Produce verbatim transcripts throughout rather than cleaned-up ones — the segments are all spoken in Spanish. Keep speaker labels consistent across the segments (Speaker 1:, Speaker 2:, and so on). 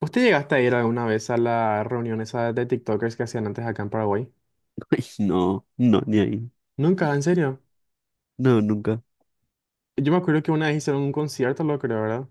Speaker 1: ¿Usted llegaste a ir alguna vez a la reunión esa de TikTokers que hacían antes acá en Paraguay?
Speaker 2: Ay, No, no, ni ahí.
Speaker 1: Nunca, en serio.
Speaker 2: No, nunca.
Speaker 1: Yo me acuerdo que una vez hicieron un concierto, lo creo, ¿verdad?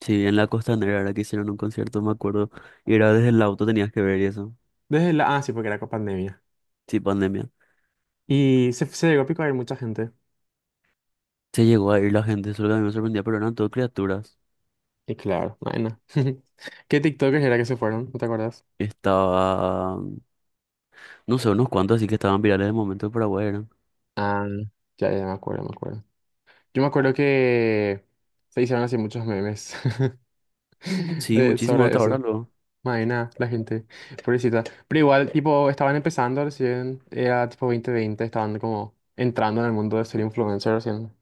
Speaker 2: Sí, en la Costanera era que hicieron un concierto, me acuerdo. Y era desde el auto tenías que ver y eso.
Speaker 1: Desde la... Ah, sí, porque era con pandemia.
Speaker 2: Sí, pandemia.
Speaker 1: Y se, se llegó a pico a ir mucha gente.
Speaker 2: Se llegó a ir la gente, eso es lo que a mí me sorprendía, pero eran todo criaturas.
Speaker 1: Y claro, bueno. ¿Qué TikTokers era que se fueron? ¿No te acuerdas?
Speaker 2: Estaba, no sé, unos cuantos así que estaban virales de momento de Paraguay eran.
Speaker 1: Ah, ya, ya me acuerdo, me acuerdo. Yo me acuerdo que se hicieron así muchos memes
Speaker 2: Sí,
Speaker 1: eh,
Speaker 2: muchísimo
Speaker 1: sobre
Speaker 2: hasta ahora
Speaker 1: eso.
Speaker 2: luego.
Speaker 1: Maena, la gente, pobrecita. Pero igual, tipo, estaban empezando recién, era tipo dos mil veinte estaban como entrando en el mundo de ser influencer recién.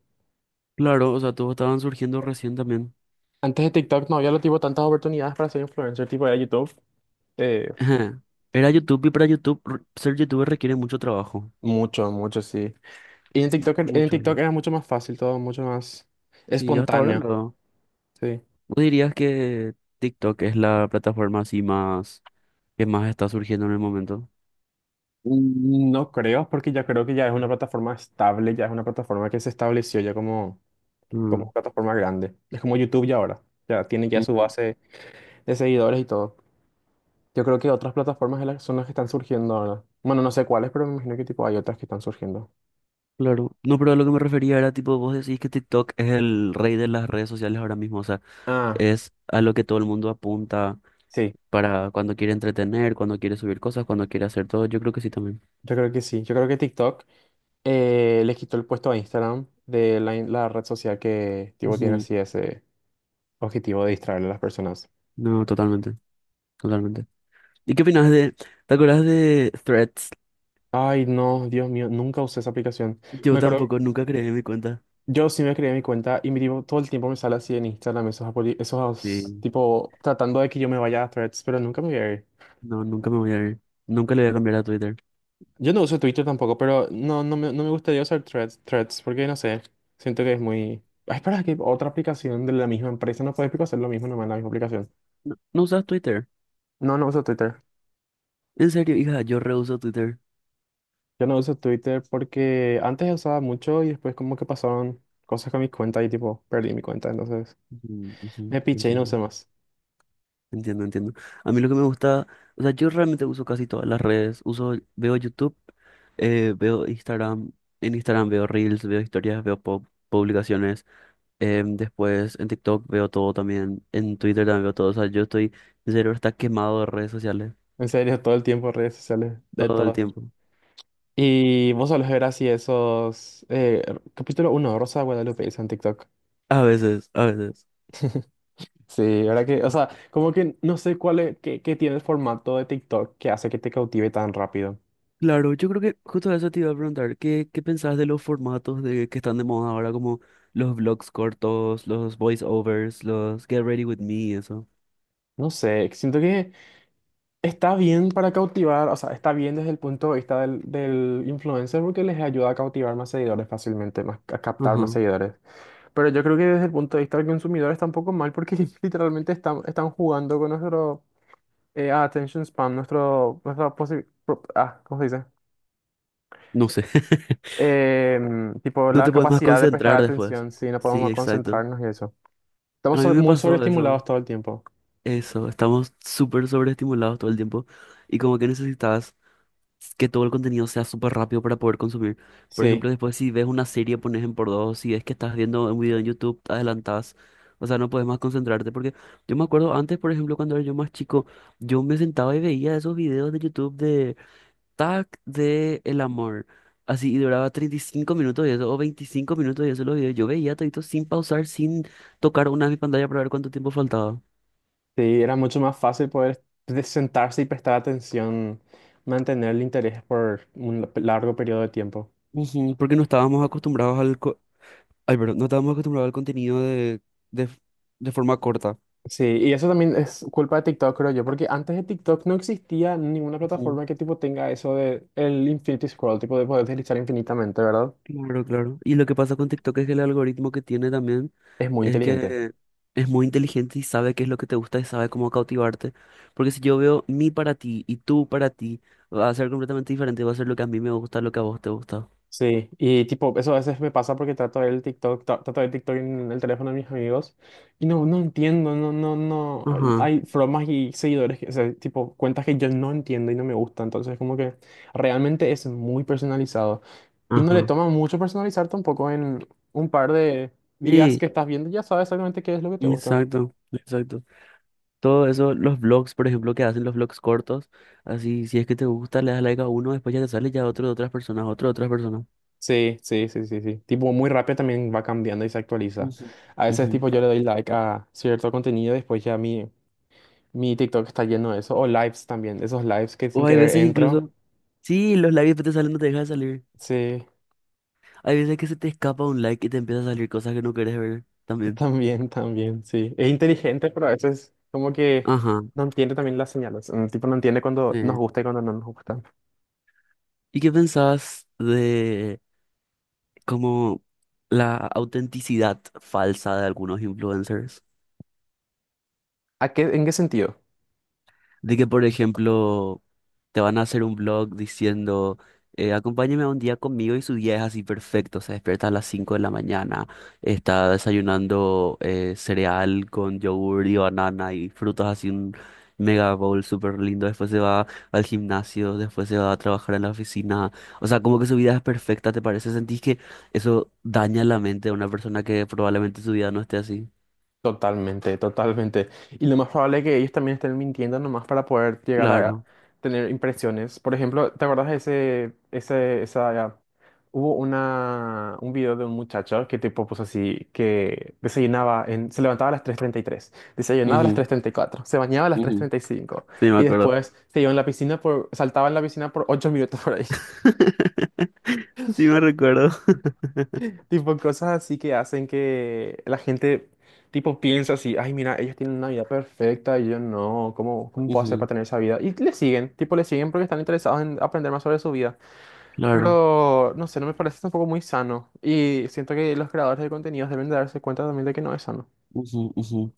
Speaker 2: Claro, o sea, todos estaban surgiendo recién también.
Speaker 1: Antes de TikTok no había lo tipo tantas oportunidades para ser influencer, tipo era YouTube. eh,
Speaker 2: Era YouTube y para YouTube, r- ser youtuber requiere mucho trabajo.
Speaker 1: Mucho, mucho, sí. Y en
Speaker 2: M-
Speaker 1: TikTok, er- en
Speaker 2: Mucho,
Speaker 1: TikTok
Speaker 2: ¿no?
Speaker 1: era mucho más fácil todo, mucho más
Speaker 2: Sí, hasta ahora
Speaker 1: espontáneo,
Speaker 2: lo.
Speaker 1: sí.
Speaker 2: ¿Vos dirías que TikTok es la plataforma así más? ¿Qué más está surgiendo en el momento?
Speaker 1: Mm, no creo, porque ya creo que ya es una plataforma estable, ya es una plataforma que se estableció ya como,
Speaker 2: Mm.
Speaker 1: como plataforma grande. Es como YouTube ya ahora, ya tiene ya su
Speaker 2: Ujú.
Speaker 1: base de seguidores y todo. Yo creo que otras plataformas de las- son las que están surgiendo ahora. Bueno, no sé cuáles, pero me imagino que tipo hay otras que están surgiendo.
Speaker 2: Claro. No, pero a lo que me refería era tipo, vos decís que TikTok es el rey de las redes sociales ahora mismo, o sea,
Speaker 1: Ah,
Speaker 2: es a lo que todo el mundo apunta
Speaker 1: sí,
Speaker 2: para cuando quiere entretener, cuando quiere subir cosas, cuando quiere hacer todo. Yo creo que sí también.
Speaker 1: yo creo que sí. Yo creo que TikTok eh, le quitó el puesto a Instagram de la, in- la red social que tipo tiene
Speaker 2: Ujú.
Speaker 1: así ese objetivo de distraerle a las personas.
Speaker 2: No, totalmente, totalmente. ¿Y qué opinas de, te acuerdas de Threads?
Speaker 1: Ay, no, Dios mío, nunca usé esa aplicación.
Speaker 2: Yo
Speaker 1: Me acuerdo,
Speaker 2: tampoco, nunca creé mi cuenta.
Speaker 1: yo sí me creé mi cuenta y mi tipo, todo el tiempo me sale así en Instagram esos, apoli- esos
Speaker 2: Sí.
Speaker 1: tipo tratando de que yo me vaya a Threads, pero nunca me voy a ir.
Speaker 2: No, nunca me voy a ir. Nunca le voy a cambiar a Twitter.
Speaker 1: Yo no uso Twitter tampoco, pero no, no me, no me gustaría usar Threads, Threads, porque no sé, siento que es muy... Ay, espera, que otra aplicación de la misma empresa no puede hacer lo mismo nomás en la misma aplicación.
Speaker 2: No, ¿no usas Twitter?
Speaker 1: No, no uso Twitter.
Speaker 2: En serio, hija, yo reuso Twitter.
Speaker 1: Yo no uso Twitter porque antes usaba mucho y después como que pasaron cosas con mi cuenta y tipo perdí mi cuenta, entonces
Speaker 2: Ujú, ujú.
Speaker 1: me piché y no
Speaker 2: Entiendo.
Speaker 1: usé más.
Speaker 2: Entiendo, entiendo. A mí lo que me gusta, o sea, yo realmente uso casi todas las redes. Uso, veo YouTube, eh, veo Instagram, en Instagram veo Reels, veo historias, veo pub- publicaciones. Em, después en TikTok veo todo también, en Twitter también veo todo. O sea, yo estoy, mi cerebro está quemado de redes sociales
Speaker 1: En serio, todo el tiempo redes sociales, de
Speaker 2: todo el
Speaker 1: todo.
Speaker 2: tiempo.
Speaker 1: Y vos solés ver así esos... Eh, capítulo uno, Rosa de Guadalupe, hizo en TikTok.
Speaker 2: A veces, a veces.
Speaker 1: Sí, verdad que, o sea, como que no sé cuál es, qué, qué tiene el formato de TikTok que hace que te cautive tan rápido.
Speaker 2: Claro, yo creo que justo eso te iba a preguntar, ¿qué, qué pensás de los formatos de, que están de moda ahora, como los vlogs cortos, los voiceovers, los Get Ready With Me, eso?
Speaker 1: No sé, siento que está bien para cautivar, o sea, está bien desde el punto de vista del, del influencer porque les ayuda a cautivar más seguidores fácilmente, más, a captar más
Speaker 2: Ajá.
Speaker 1: seguidores. Pero yo creo que desde el punto de vista del consumidor está un poco mal porque literalmente están, están jugando con nuestro eh, attention span, nuestro, nuestra posi- pro- ah, ¿cómo se dice?
Speaker 2: No sé.
Speaker 1: Em, tipo
Speaker 2: No
Speaker 1: la
Speaker 2: te puedes más
Speaker 1: capacidad de prestar
Speaker 2: concentrar después.
Speaker 1: atención, si no
Speaker 2: Sí,
Speaker 1: podemos
Speaker 2: exacto.
Speaker 1: concentrarnos y eso.
Speaker 2: A
Speaker 1: Estamos
Speaker 2: mí
Speaker 1: sobre-
Speaker 2: me
Speaker 1: muy
Speaker 2: pasó
Speaker 1: sobreestimulados
Speaker 2: eso.
Speaker 1: todo el tiempo.
Speaker 2: Eso, estamos súper sobreestimulados todo el tiempo y como que necesitas que todo el contenido sea súper rápido para poder consumir. Por
Speaker 1: Sí,
Speaker 2: ejemplo, después si ves una serie, pones en por dos, si es que estás viendo un video en YouTube, te adelantás. O sea, no puedes más concentrarte porque yo me acuerdo antes, por ejemplo, cuando era yo más chico, yo me sentaba y veía esos videos de YouTube de Tac de El Amor. Así, y duraba treinta y cinco minutos y eso, o veinticinco minutos y eso los videos. Yo veía todito sin pausar, sin tocar una de mis pantallas para ver cuánto tiempo faltaba.
Speaker 1: sí, era mucho más fácil poder de- sentarse y prestar atención, mantener el interés por un la- largo periodo de tiempo.
Speaker 2: Ujú, porque no estábamos acostumbrados al... co- Ay, perdón, no estábamos acostumbrados al contenido de, de, f- de forma corta.
Speaker 1: Sí, y eso también es culpa de TikTok, creo yo, porque antes de TikTok no existía ninguna
Speaker 2: Ujú.
Speaker 1: plataforma que tipo tenga eso de el infinity scroll, tipo de poder deslizar infinitamente, ¿verdad?
Speaker 2: Claro, claro. Y lo que pasa con TikTok es que el algoritmo que tiene también.
Speaker 1: Es muy
Speaker 2: Es
Speaker 1: inteligente.
Speaker 2: que es muy inteligente y sabe qué es lo que te gusta y sabe cómo cautivarte. Porque si yo veo mi para ti y tú para ti, va a ser completamente diferente, va a ser lo que a mí me gusta, lo que a vos te gusta.
Speaker 1: Sí, y tipo, eso a veces me pasa porque trato de ver el TikTok, tra- trato de ver TikTok en el teléfono de mis amigos y no, no entiendo, no, no, no,
Speaker 2: Ajá,
Speaker 1: hay bromas y seguidores, que- o sea, tipo, cuentas que yo no entiendo y no me gusta, entonces como que realmente es muy personalizado y no le
Speaker 2: ajá.
Speaker 1: toma mucho personalizar tampoco en un par de días
Speaker 2: Sí,
Speaker 1: que estás viendo, ya sabes exactamente qué es lo que te gusta.
Speaker 2: exacto, exacto. Todo eso, los vlogs, por ejemplo, que hacen los vlogs cortos, así, si es que te gusta, le das like a uno, después ya te sale ya otro de otras personas, otro de otras personas.
Speaker 1: Sí, sí, sí, sí, sí. Tipo, muy rápido también va cambiando y se actualiza.
Speaker 2: Ujú,
Speaker 1: A veces,
Speaker 2: ujú.
Speaker 1: tipo, yo le doy like a cierto contenido y después ya a mí. Mi TikTok está lleno de eso. O lives también. Esos lives que sin
Speaker 2: O hay
Speaker 1: querer
Speaker 2: veces
Speaker 1: entro.
Speaker 2: incluso, sí, los likes que te salen no te dejan de salir.
Speaker 1: Sí,
Speaker 2: Hay veces que se te escapa un like y te empieza a salir cosas que no quieres ver también.
Speaker 1: también, también, sí. Es inteligente, pero a veces como que
Speaker 2: Ajá,
Speaker 1: no entiende también las señales. Mm, tipo, no entiende cuando nos
Speaker 2: sí.
Speaker 1: gusta y cuando no nos gusta.
Speaker 2: ¿Y qué pensás de como la autenticidad falsa de algunos influencers?
Speaker 1: ¿A qué, en qué sentido?
Speaker 2: De que, por ejemplo, te van a hacer un blog diciendo, eh, acompáñeme a un día conmigo y su día es así perfecto, se despierta a las cinco de la mañana, está desayunando eh, cereal con yogur y banana y frutas así un mega bowl súper lindo, después se va al gimnasio, después se va a trabajar en la oficina, o sea, como que su vida es perfecta, ¿te parece? ¿Sentís que eso daña la mente de una persona que probablemente su vida no esté así?
Speaker 1: Totalmente, totalmente. Y lo más probable es que ellos también estén mintiendo nomás para poder llegar a
Speaker 2: Claro.
Speaker 1: tener impresiones. Por ejemplo, ¿te acuerdas de ese, ese, esa, hubo una, un video de un muchacho que tipo puso así, que desayunaba en, se levantaba a las tres treinta y tres desayunaba a las
Speaker 2: Ujú,
Speaker 1: tres treinta y cuatro se bañaba a las tres
Speaker 2: ujú.
Speaker 1: treinta y cinco
Speaker 2: Sí, me
Speaker 1: y
Speaker 2: acuerdo.
Speaker 1: después se iba en la piscina por, saltaba en la piscina por ocho minutos por ahí.
Speaker 2: Sí me recuerdo.
Speaker 1: Tipo cosas así que hacen que la gente, tipo, piensa así, ay, mira, ellos tienen una vida perfecta y yo no, ¿cómo, cómo puedo hacer para
Speaker 2: Ujú.
Speaker 1: tener esa vida? Y le siguen, tipo, le siguen porque están interesados en aprender más sobre su vida.
Speaker 2: Claro.
Speaker 1: Pero, no sé, no me parece tampoco muy sano. Y siento que los creadores de contenidos deben de darse cuenta también de que no es sano.
Speaker 2: Ujú, ujú.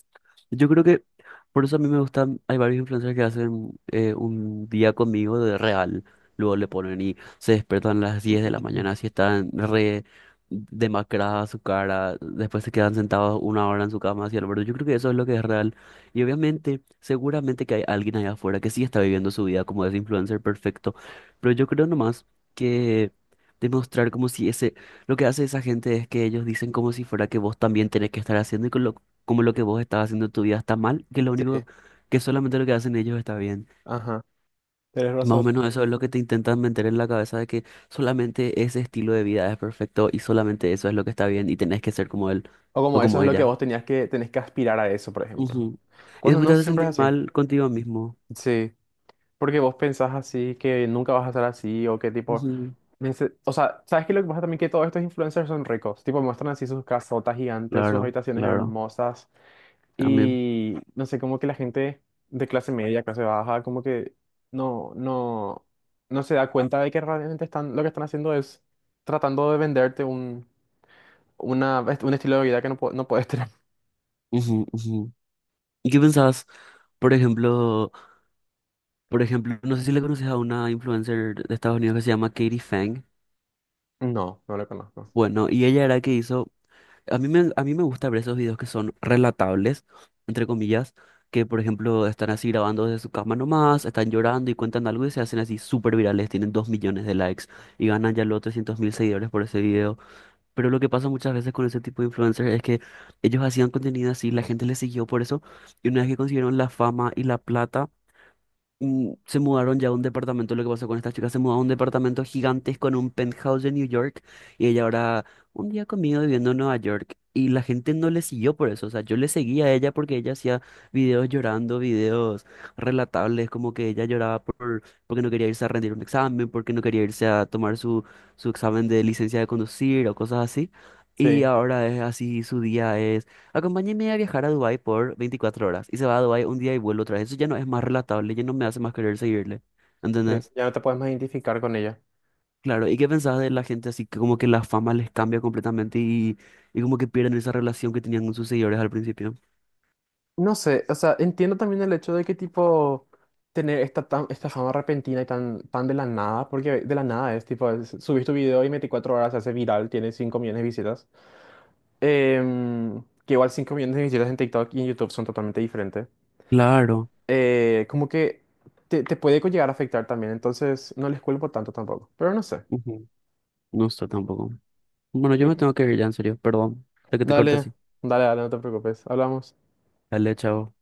Speaker 2: Yo creo que por eso a mí me gustan, hay varios influencers que hacen eh, un día conmigo de real, luego le ponen y se despiertan a las diez de la mañana, así están re demacrada su cara, después se quedan sentados una hora en su cama, así al borde. Yo creo que eso es lo que es real. Y obviamente, seguramente que hay alguien allá afuera que sí está viviendo su vida como ese influencer perfecto, pero yo creo nomás que demostrar como si ese, lo que hace esa gente es que ellos dicen como si fuera que vos también tenés que estar haciendo y como lo que vos estás haciendo en tu vida está mal, que lo único
Speaker 1: Sí,
Speaker 2: que solamente lo que hacen ellos está bien.
Speaker 1: ajá, tienes
Speaker 2: Más o
Speaker 1: razón.
Speaker 2: menos eso es lo que te intentan meter en la cabeza de que solamente ese estilo de vida es perfecto y solamente eso es lo que está bien y tenés que ser como él
Speaker 1: O
Speaker 2: o
Speaker 1: como eso
Speaker 2: como
Speaker 1: es lo que
Speaker 2: ella.
Speaker 1: vos tenías que, tenés que aspirar a eso, por ejemplo.
Speaker 2: Ujú. Y
Speaker 1: Cuando
Speaker 2: después te
Speaker 1: no,
Speaker 2: hace
Speaker 1: siempre es
Speaker 2: sentir
Speaker 1: así.
Speaker 2: mal contigo mismo.
Speaker 1: Sí, porque vos pensás así, que nunca vas a ser así, o que tipo...
Speaker 2: Ujú.
Speaker 1: Me dice- O sea, ¿sabes qué? Lo que pasa también que todos estos influencers son ricos. Tipo, muestran así sus casotas gigantes, sus
Speaker 2: Claro,
Speaker 1: habitaciones
Speaker 2: claro,
Speaker 1: hermosas.
Speaker 2: también.
Speaker 1: Y no sé, como que la gente de clase media, clase baja, como que no, no, no se da cuenta de que realmente están, lo que están haciendo es tratando de venderte un, una, un estilo de vida que no, po- no puedes tener.
Speaker 2: Ujú, ujú. ¿Y qué pensás? Por ejemplo, por ejemplo, no sé si le conoces a una influencer de Estados Unidos que se llama Katie Fang.
Speaker 1: No, no lo conozco.
Speaker 2: Bueno, y ella era que hizo A mí me, a mí me gusta ver esos videos que son relatables, entre comillas, que por ejemplo están así grabando desde su cama nomás, están llorando y cuentan algo y se hacen así súper virales, tienen dos millones de likes y ganan ya los trescientos mil seguidores por ese video. Pero lo que pasa muchas veces con ese tipo de influencers es que ellos hacían contenido así, la gente les siguió por eso y una vez que consiguieron la fama y la plata, mm, se mudaron ya a un departamento, lo que pasó con esta chica, se mudó a un departamento gigantesco en un penthouse de New York y ella ahora un día conmigo viviendo en Nueva York y la gente no le siguió por eso, o sea, yo le seguía a ella porque ella hacía videos llorando, videos relatables, como que ella lloraba por, porque no quería irse a rendir un examen, porque no quería irse a tomar su, su examen de licencia de conducir o cosas así. Y
Speaker 1: Sí,
Speaker 2: ahora es así, su día es... Acompáñeme a viajar a Dubái por veinticuatro horas y se va a Dubái un día y vuelve otra vez. Eso ya no es más relatable, ya no me hace más querer seguirle.
Speaker 1: sí,
Speaker 2: ¿Entendés?
Speaker 1: ya no te puedes más identificar con ella.
Speaker 2: Claro, ¿y qué pensás de la gente así que como que la fama les cambia completamente y, y como que pierden esa relación que tenían con sus seguidores al principio?
Speaker 1: No sé, o sea, entiendo también el hecho de que tipo tener esta, tan, esta fama repentina y tan, tan de la nada, porque de la nada es tipo, es- subís tu video y en veinticuatro horas se hace viral, tiene cinco millones de visitas. Em, que igual cinco millones de visitas en TikTok y en YouTube son totalmente diferentes.
Speaker 2: Claro.
Speaker 1: Eh, como que te, te puede llegar a afectar también, entonces no les culpo tanto tampoco, pero no sé.
Speaker 2: Ujú. No está tampoco. Bueno, yo
Speaker 1: Creo
Speaker 2: me
Speaker 1: que-
Speaker 2: tengo que ir ya, en serio, perdón, de que te corte
Speaker 1: Dale,
Speaker 2: así.
Speaker 1: dale, dale, no te preocupes, hablamos.
Speaker 2: Dale, chao.